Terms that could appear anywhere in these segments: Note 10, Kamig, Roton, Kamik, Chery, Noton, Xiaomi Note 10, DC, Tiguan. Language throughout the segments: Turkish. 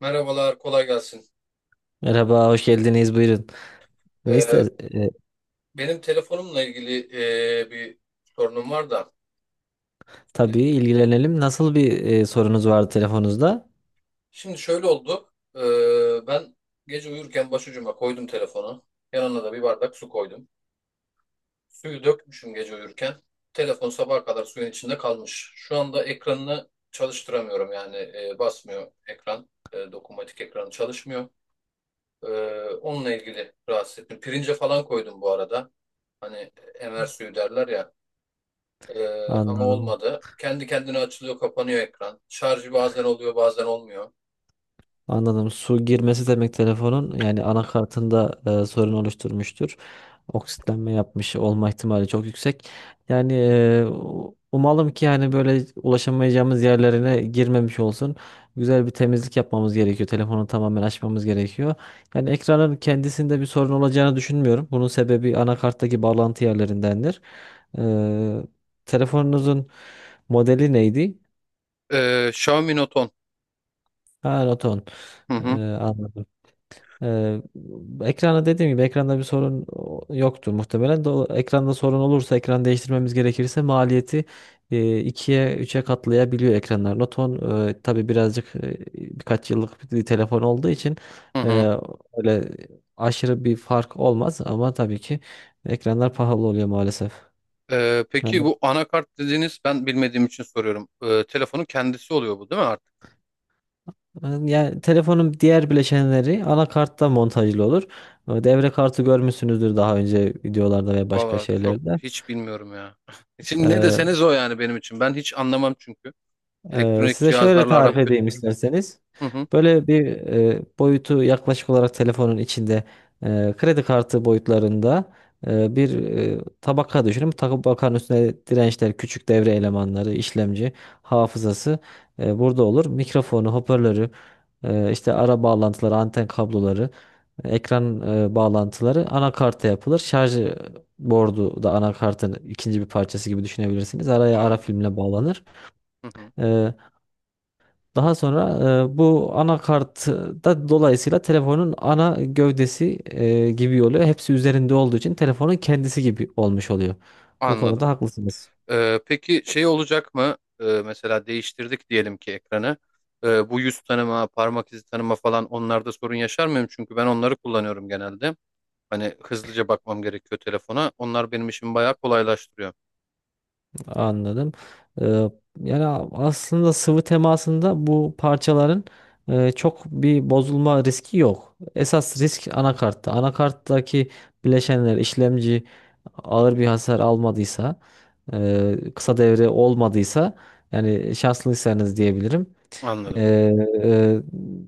Merhabalar, kolay gelsin. Merhaba, hoş geldiniz. Buyurun. Ee, Neyse, Benim telefonumla ilgili bir sorunum var da. Şimdi, tabii ilgilenelim. Nasıl bir sorunuz vardı telefonunuzda? şimdi, şöyle oldu. Ben gece uyurken başucuma koydum telefonu. Yanına da bir bardak su koydum. Suyu dökmüşüm gece uyurken. Telefon sabaha kadar suyun içinde kalmış. Şu anda ekranını çalıştıramıyorum yani basmıyor ekran. Dokunmatik ekranı çalışmıyor. Ee, onunla ilgili rahatsız ettim. Pirince falan koydum bu arada. Hani emer suyu derler ya. Ama Anladım. olmadı. Kendi kendine açılıyor, kapanıyor ekran. Şarjı bazen oluyor, bazen olmuyor. Anladım. Su girmesi demek telefonun yani anakartında sorun oluşturmuştur. Oksitlenme yapmış olma ihtimali çok yüksek. Yani umalım ki yani böyle ulaşamayacağımız yerlerine girmemiş olsun. Güzel bir temizlik yapmamız gerekiyor. Telefonu tamamen açmamız gerekiyor. Yani ekranın kendisinde bir sorun olacağını düşünmüyorum. Bunun sebebi anakarttaki bağlantı yerlerindendir. Telefonunuzun modeli neydi? Xiaomi Note 10. Ha, Roton. Hı E, hı, Anladım. Ee, Ekrana dediğim gibi ekranda bir sorun yoktur muhtemelen. Ekranda sorun olursa ekran değiştirmemiz gerekirse maliyeti ikiye üçe katlayabiliyor ekranlar. Noton tabii birazcık birkaç yıllık bir telefon olduğu için hı e, hı. öyle aşırı bir fark olmaz ama tabii ki ekranlar pahalı oluyor maalesef. Peki Yani, bu anakart dediğiniz ben bilmediğim için soruyorum. Telefonun kendisi oluyor bu değil mi artık? yani telefonun diğer bileşenleri anakartta montajlı olur. Devre kartı görmüşsünüzdür daha önce videolarda ve başka Valla çok şeylerde. hiç bilmiyorum ya. Şimdi ne E, deseniz o yani benim için. Ben hiç anlamam çünkü. Elektronik Size şöyle cihazlarla aram tarif edeyim kötüdür. isterseniz. Hı hı, Böyle bir boyutu yaklaşık olarak telefonun içinde kredi kartı boyutlarında bir tabaka düşünün. Tabakanın üstüne dirençler, küçük devre elemanları, işlemci, hafızası burada olur. Mikrofonu, hoparlörü, işte ara bağlantıları, anten kabloları, ekran bağlantıları anakarta yapılır. Şarj bordu da anakartın ikinci bir parçası gibi düşünebilirsiniz. Araya ara anladım. filmle bağlanır. Hı hı, E, Daha sonra bu anakart da dolayısıyla telefonun ana gövdesi gibi oluyor. Hepsi üzerinde olduğu için telefonun kendisi gibi olmuş oluyor. Bu anladım. konuda haklısınız. Peki şey olacak mı? Mesela değiştirdik diyelim ki ekranı. Bu yüz tanıma, parmak izi tanıma falan onlarda sorun yaşar mıyım? Çünkü ben onları kullanıyorum genelde. Hani hızlıca bakmam gerekiyor telefona. Onlar benim işimi bayağı kolaylaştırıyor. Anladım. E, Yani aslında sıvı temasında bu parçaların çok bir bozulma riski yok. Esas risk anakartta. Anakarttaki bileşenler işlemci ağır bir hasar almadıysa, kısa devre olmadıysa yani şanslıysanız diyebilirim. Anladım. Ee, e,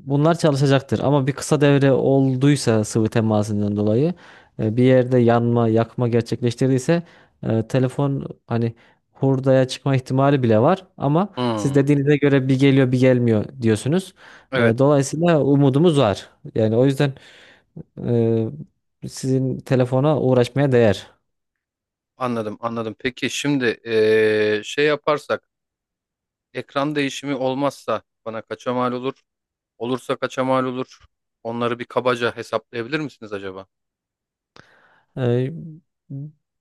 Bunlar çalışacaktır ama bir kısa devre olduysa sıvı temasından dolayı bir yerde yanma, yakma gerçekleştirdiyse telefon hani hurdaya çıkma ihtimali bile var ama siz Hmm. dediğinize göre bir geliyor bir gelmiyor diyorsunuz. Evet, Dolayısıyla umudumuz var. Yani o yüzden sizin telefona uğraşmaya değer. anladım, anladım. Peki şimdi şey yaparsak, ekran değişimi olmazsa bana kaça mal olur? Olursa kaça mal olur? Onları bir kabaca hesaplayabilir misiniz acaba? Eee,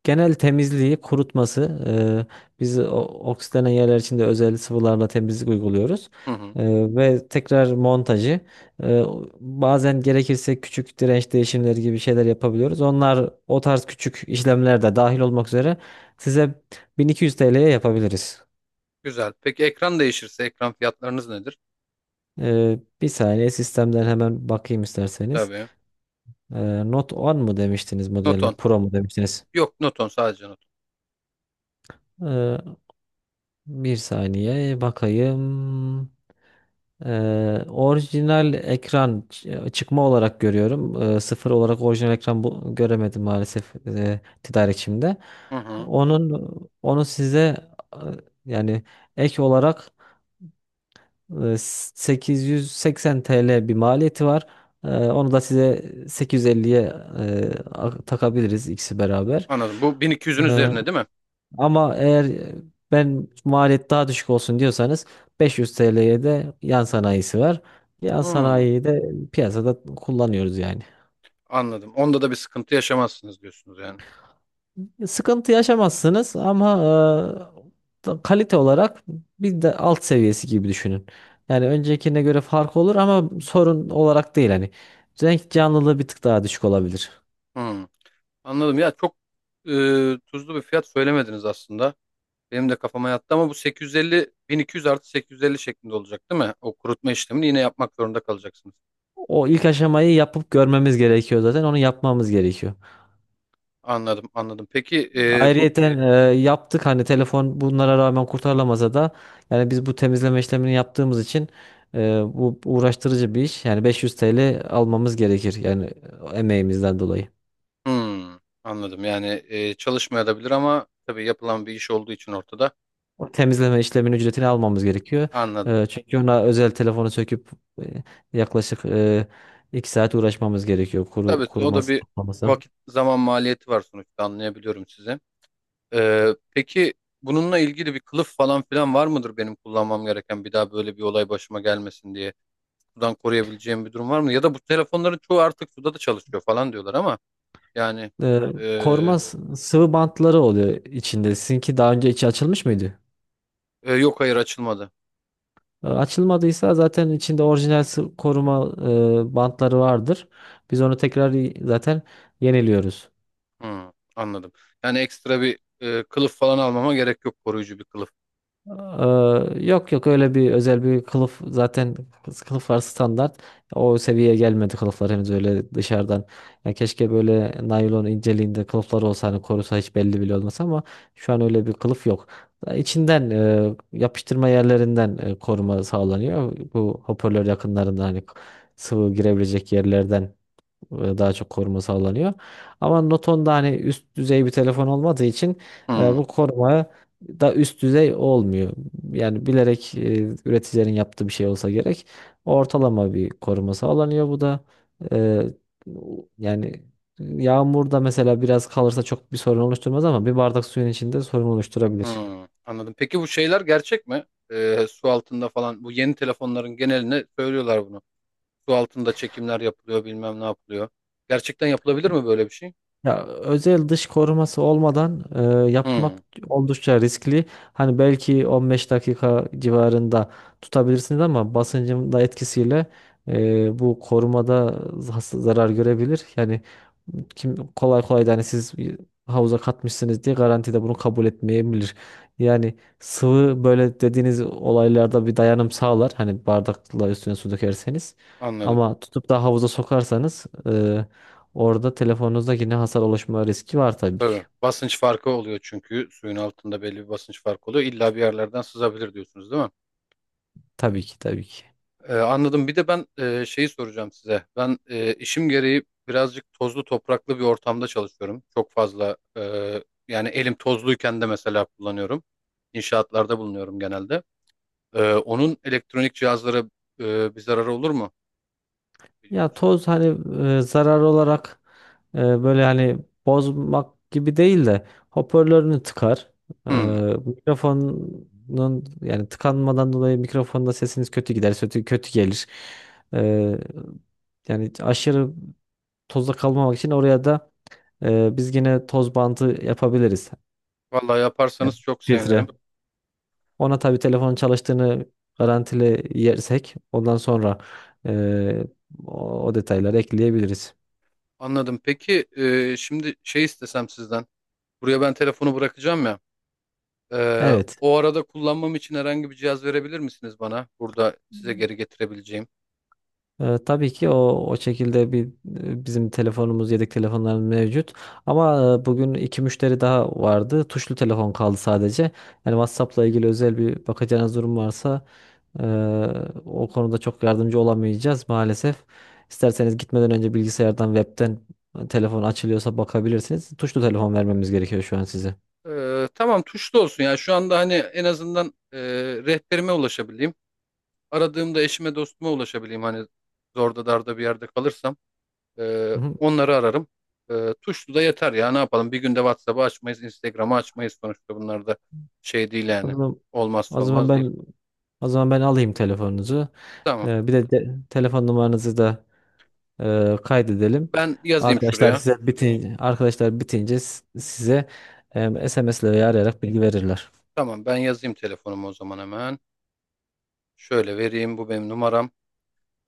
Genel temizliği, kurutması. Biz oksitlenen yerler için de özel sıvılarla temizlik uyguluyoruz. Hı hı. Ve tekrar montajı. Eee, Bazen gerekirse küçük direnç değişimleri gibi şeyler yapabiliyoruz. Onlar o tarz küçük işlemler de dahil olmak üzere size 1.200 TL'ye yapabiliriz. Güzel. Peki ekran değişirse ekran fiyatlarınız nedir? Bir saniye sistemden hemen bakayım isterseniz. Tabii. Note 10 mu demiştiniz modelle? Noton. Pro mu demiştiniz? Yok Noton sadece Noton. Eee, Bir saniye bakayım. Orijinal ekran çıkma olarak görüyorum. Sıfır olarak orijinal ekran bu, göremedim maalesef tedarikçimde. Hı hı. Onun onu size e, yani ek olarak 880 TL bir maliyeti var. Onu da size 850'ye takabiliriz ikisi beraber. Anladım. Bu 1200'ün Ee, üzerine değil mi? Ama eğer ben maliyet daha düşük olsun diyorsanız 500 TL'ye de yan sanayisi var. Yan Hı. sanayiyi de piyasada kullanıyoruz yani. Anladım. Onda da bir sıkıntı yaşamazsınız diyorsunuz yani. Sıkıntı yaşamazsınız ama kalite olarak bir de alt seviyesi gibi düşünün. Yani öncekine göre fark olur ama sorun olarak değil hani. Renk canlılığı bir tık daha düşük olabilir. Hı. Anladım. Ya çok e, tuzlu bir fiyat söylemediniz aslında. Benim de kafama yattı ama bu 850 1200 artı 850 şeklinde olacak değil mi? O kurutma işlemini yine yapmak zorunda kalacaksınız. O ilk aşamayı yapıp görmemiz gerekiyor zaten. Onu yapmamız gerekiyor. Anladım, anladım. Peki bu Ayrıyeten yaptık hani telefon bunlara rağmen kurtarılamasa da yani biz bu temizleme işlemini yaptığımız için bu uğraştırıcı bir iş. Yani 500 TL almamız gerekir yani emeğimizden dolayı. hmm, anladım. Yani çalışmayabilir ama tabii yapılan bir iş olduğu için ortada. O temizleme işleminin ücretini almamız gerekiyor. Anladım. Çünkü ona özel telefonu söküp e, yaklaşık 2 saat uğraşmamız gerekiyor Tabii o da kuruması, bir toplaması. vakit zaman maliyeti var sonuçta anlayabiliyorum sizi. Peki bununla ilgili bir kılıf falan filan var mıdır benim kullanmam gereken bir daha böyle bir olay başıma gelmesin diye sudan koruyabileceğim bir durum var mı? Ya da bu telefonların çoğu artık suda da çalışıyor falan diyorlar ama yani E, ee, Koruma sıvı bantları oluyor içinde. Sizinki daha önce içi açılmış mıydı? Yok hayır açılmadı. Açılmadıysa zaten içinde orijinal koruma bantları vardır. Biz onu tekrar zaten yeniliyoruz. Hmm, anladım. Yani ekstra bir kılıf falan almama gerek yok koruyucu bir kılıf. E, Yok yok öyle bir özel bir kılıf zaten kılıflar standart. O seviyeye gelmedi kılıflar henüz öyle dışarıdan. Ya keşke böyle naylon inceliğinde kılıflar olsa hani korusa hiç belli bile olmasa ama şu an öyle bir kılıf yok. İçinden yapıştırma yerlerinden koruma sağlanıyor. Bu hoparlör yakınlarında hani sıvı girebilecek yerlerden daha çok koruma sağlanıyor. Ama Noton da hani üst düzey bir telefon olmadığı için Hmm, bu koruma da üst düzey olmuyor. Yani bilerek üreticilerin yaptığı bir şey olsa gerek. Ortalama bir koruma sağlanıyor bu da. E, Yani yağmurda mesela biraz kalırsa çok bir sorun oluşturmaz ama bir bardak suyun içinde sorun oluşturabilir. hmm, anladım. Peki bu şeyler gerçek mi? Su altında falan bu yeni telefonların geneline söylüyorlar bunu. Su altında çekimler yapılıyor, bilmem ne yapılıyor. Gerçekten yapılabilir mi böyle bir şey? Ya özel dış koruması olmadan Hmm, yapmak oldukça riskli. Hani belki 15 dakika civarında tutabilirsiniz ama basıncın da etkisiyle bu korumada zarar görebilir. Yani kim kolay kolay da hani siz bir havuza katmışsınız diye garantide bunu kabul etmeyebilir. Yani sıvı böyle dediğiniz olaylarda bir dayanım sağlar. Hani bardakla üstüne su dökerseniz. anladım. Ama tutup da havuza sokarsanız orada telefonunuzda yine hasar oluşma riski var tabii ki. Tabii. Basınç farkı oluyor çünkü suyun altında belli bir basınç farkı oluyor. İlla bir yerlerden sızabilir diyorsunuz değil mi? Tabii ki, tabii ki. Anladım. Bir de ben şeyi soracağım size. Ben işim gereği birazcık tozlu topraklı bir ortamda çalışıyorum. Çok fazla yani elim tozluyken de mesela kullanıyorum. İnşaatlarda bulunuyorum genelde. Onun elektronik cihazlara bir zararı olur mu? Biliyor Ya musun? toz hani zarar olarak böyle hani bozmak gibi değil de hoparlörünü tıkar. E, Hmm. Mikrofonun yani tıkanmadan dolayı mikrofonda sesiniz kötü gider, kötü gelir. E, Yani aşırı tozda kalmamak için oraya da biz yine toz bandı yapabiliriz. Vallahi Evet. yaparsanız çok Filtre. sevinirim. Ona tabii telefonun çalıştığını garantili yersek ondan sonra e, o detayları ekleyebiliriz. Anladım. Peki şimdi şey istesem sizden. Buraya ben telefonu bırakacağım ya. E, Evet. o arada kullanmam için herhangi bir cihaz verebilir misiniz bana? Burada size geri getirebileceğim. Tabii ki o şekilde bir bizim telefonumuz, yedek telefonlarımız mevcut. Ama bugün iki müşteri daha vardı. Tuşlu telefon kaldı sadece. Yani WhatsApp'la ilgili özel bir bakacağınız durum varsa e, o konuda çok yardımcı olamayacağız maalesef. İsterseniz gitmeden önce bilgisayardan, webten telefon açılıyorsa bakabilirsiniz. Tuşlu telefon vermemiz gerekiyor şu an size. E, tamam tuşlu olsun. Yani şu anda hani en azından rehberime ulaşabileyim. Aradığımda eşime dostuma ulaşabileyim. Hani zorda darda bir yerde kalırsam. Hı hı. Onları ararım. Tuşlu da yeter ya ne yapalım bir günde WhatsApp'ı açmayız, Instagram'ı açmayız sonuçta bunlar da şey değil O yani. zaman, o Olmazsa zaman olmaz değil. ben alayım telefonunuzu. Tamam Bir de, telefon numaranızı da kaydedelim. ben yazayım şuraya. Arkadaşlar bitince size SMS ile veya arayarak bilgi verirler. Tamam ben yazayım telefonumu o zaman hemen. Şöyle vereyim bu benim numaram.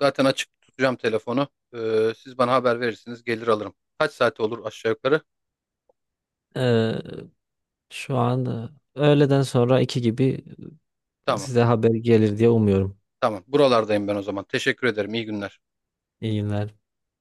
Zaten açık tutacağım telefonu. Siz bana haber verirsiniz gelir alırım. Kaç saate olur aşağı yukarı? Ee, Şu an öğleden sonra iki gibi Tamam size haber gelir diye umuyorum. tamam, buralardayım ben o zaman. Teşekkür ederim iyi günler. İyi günler.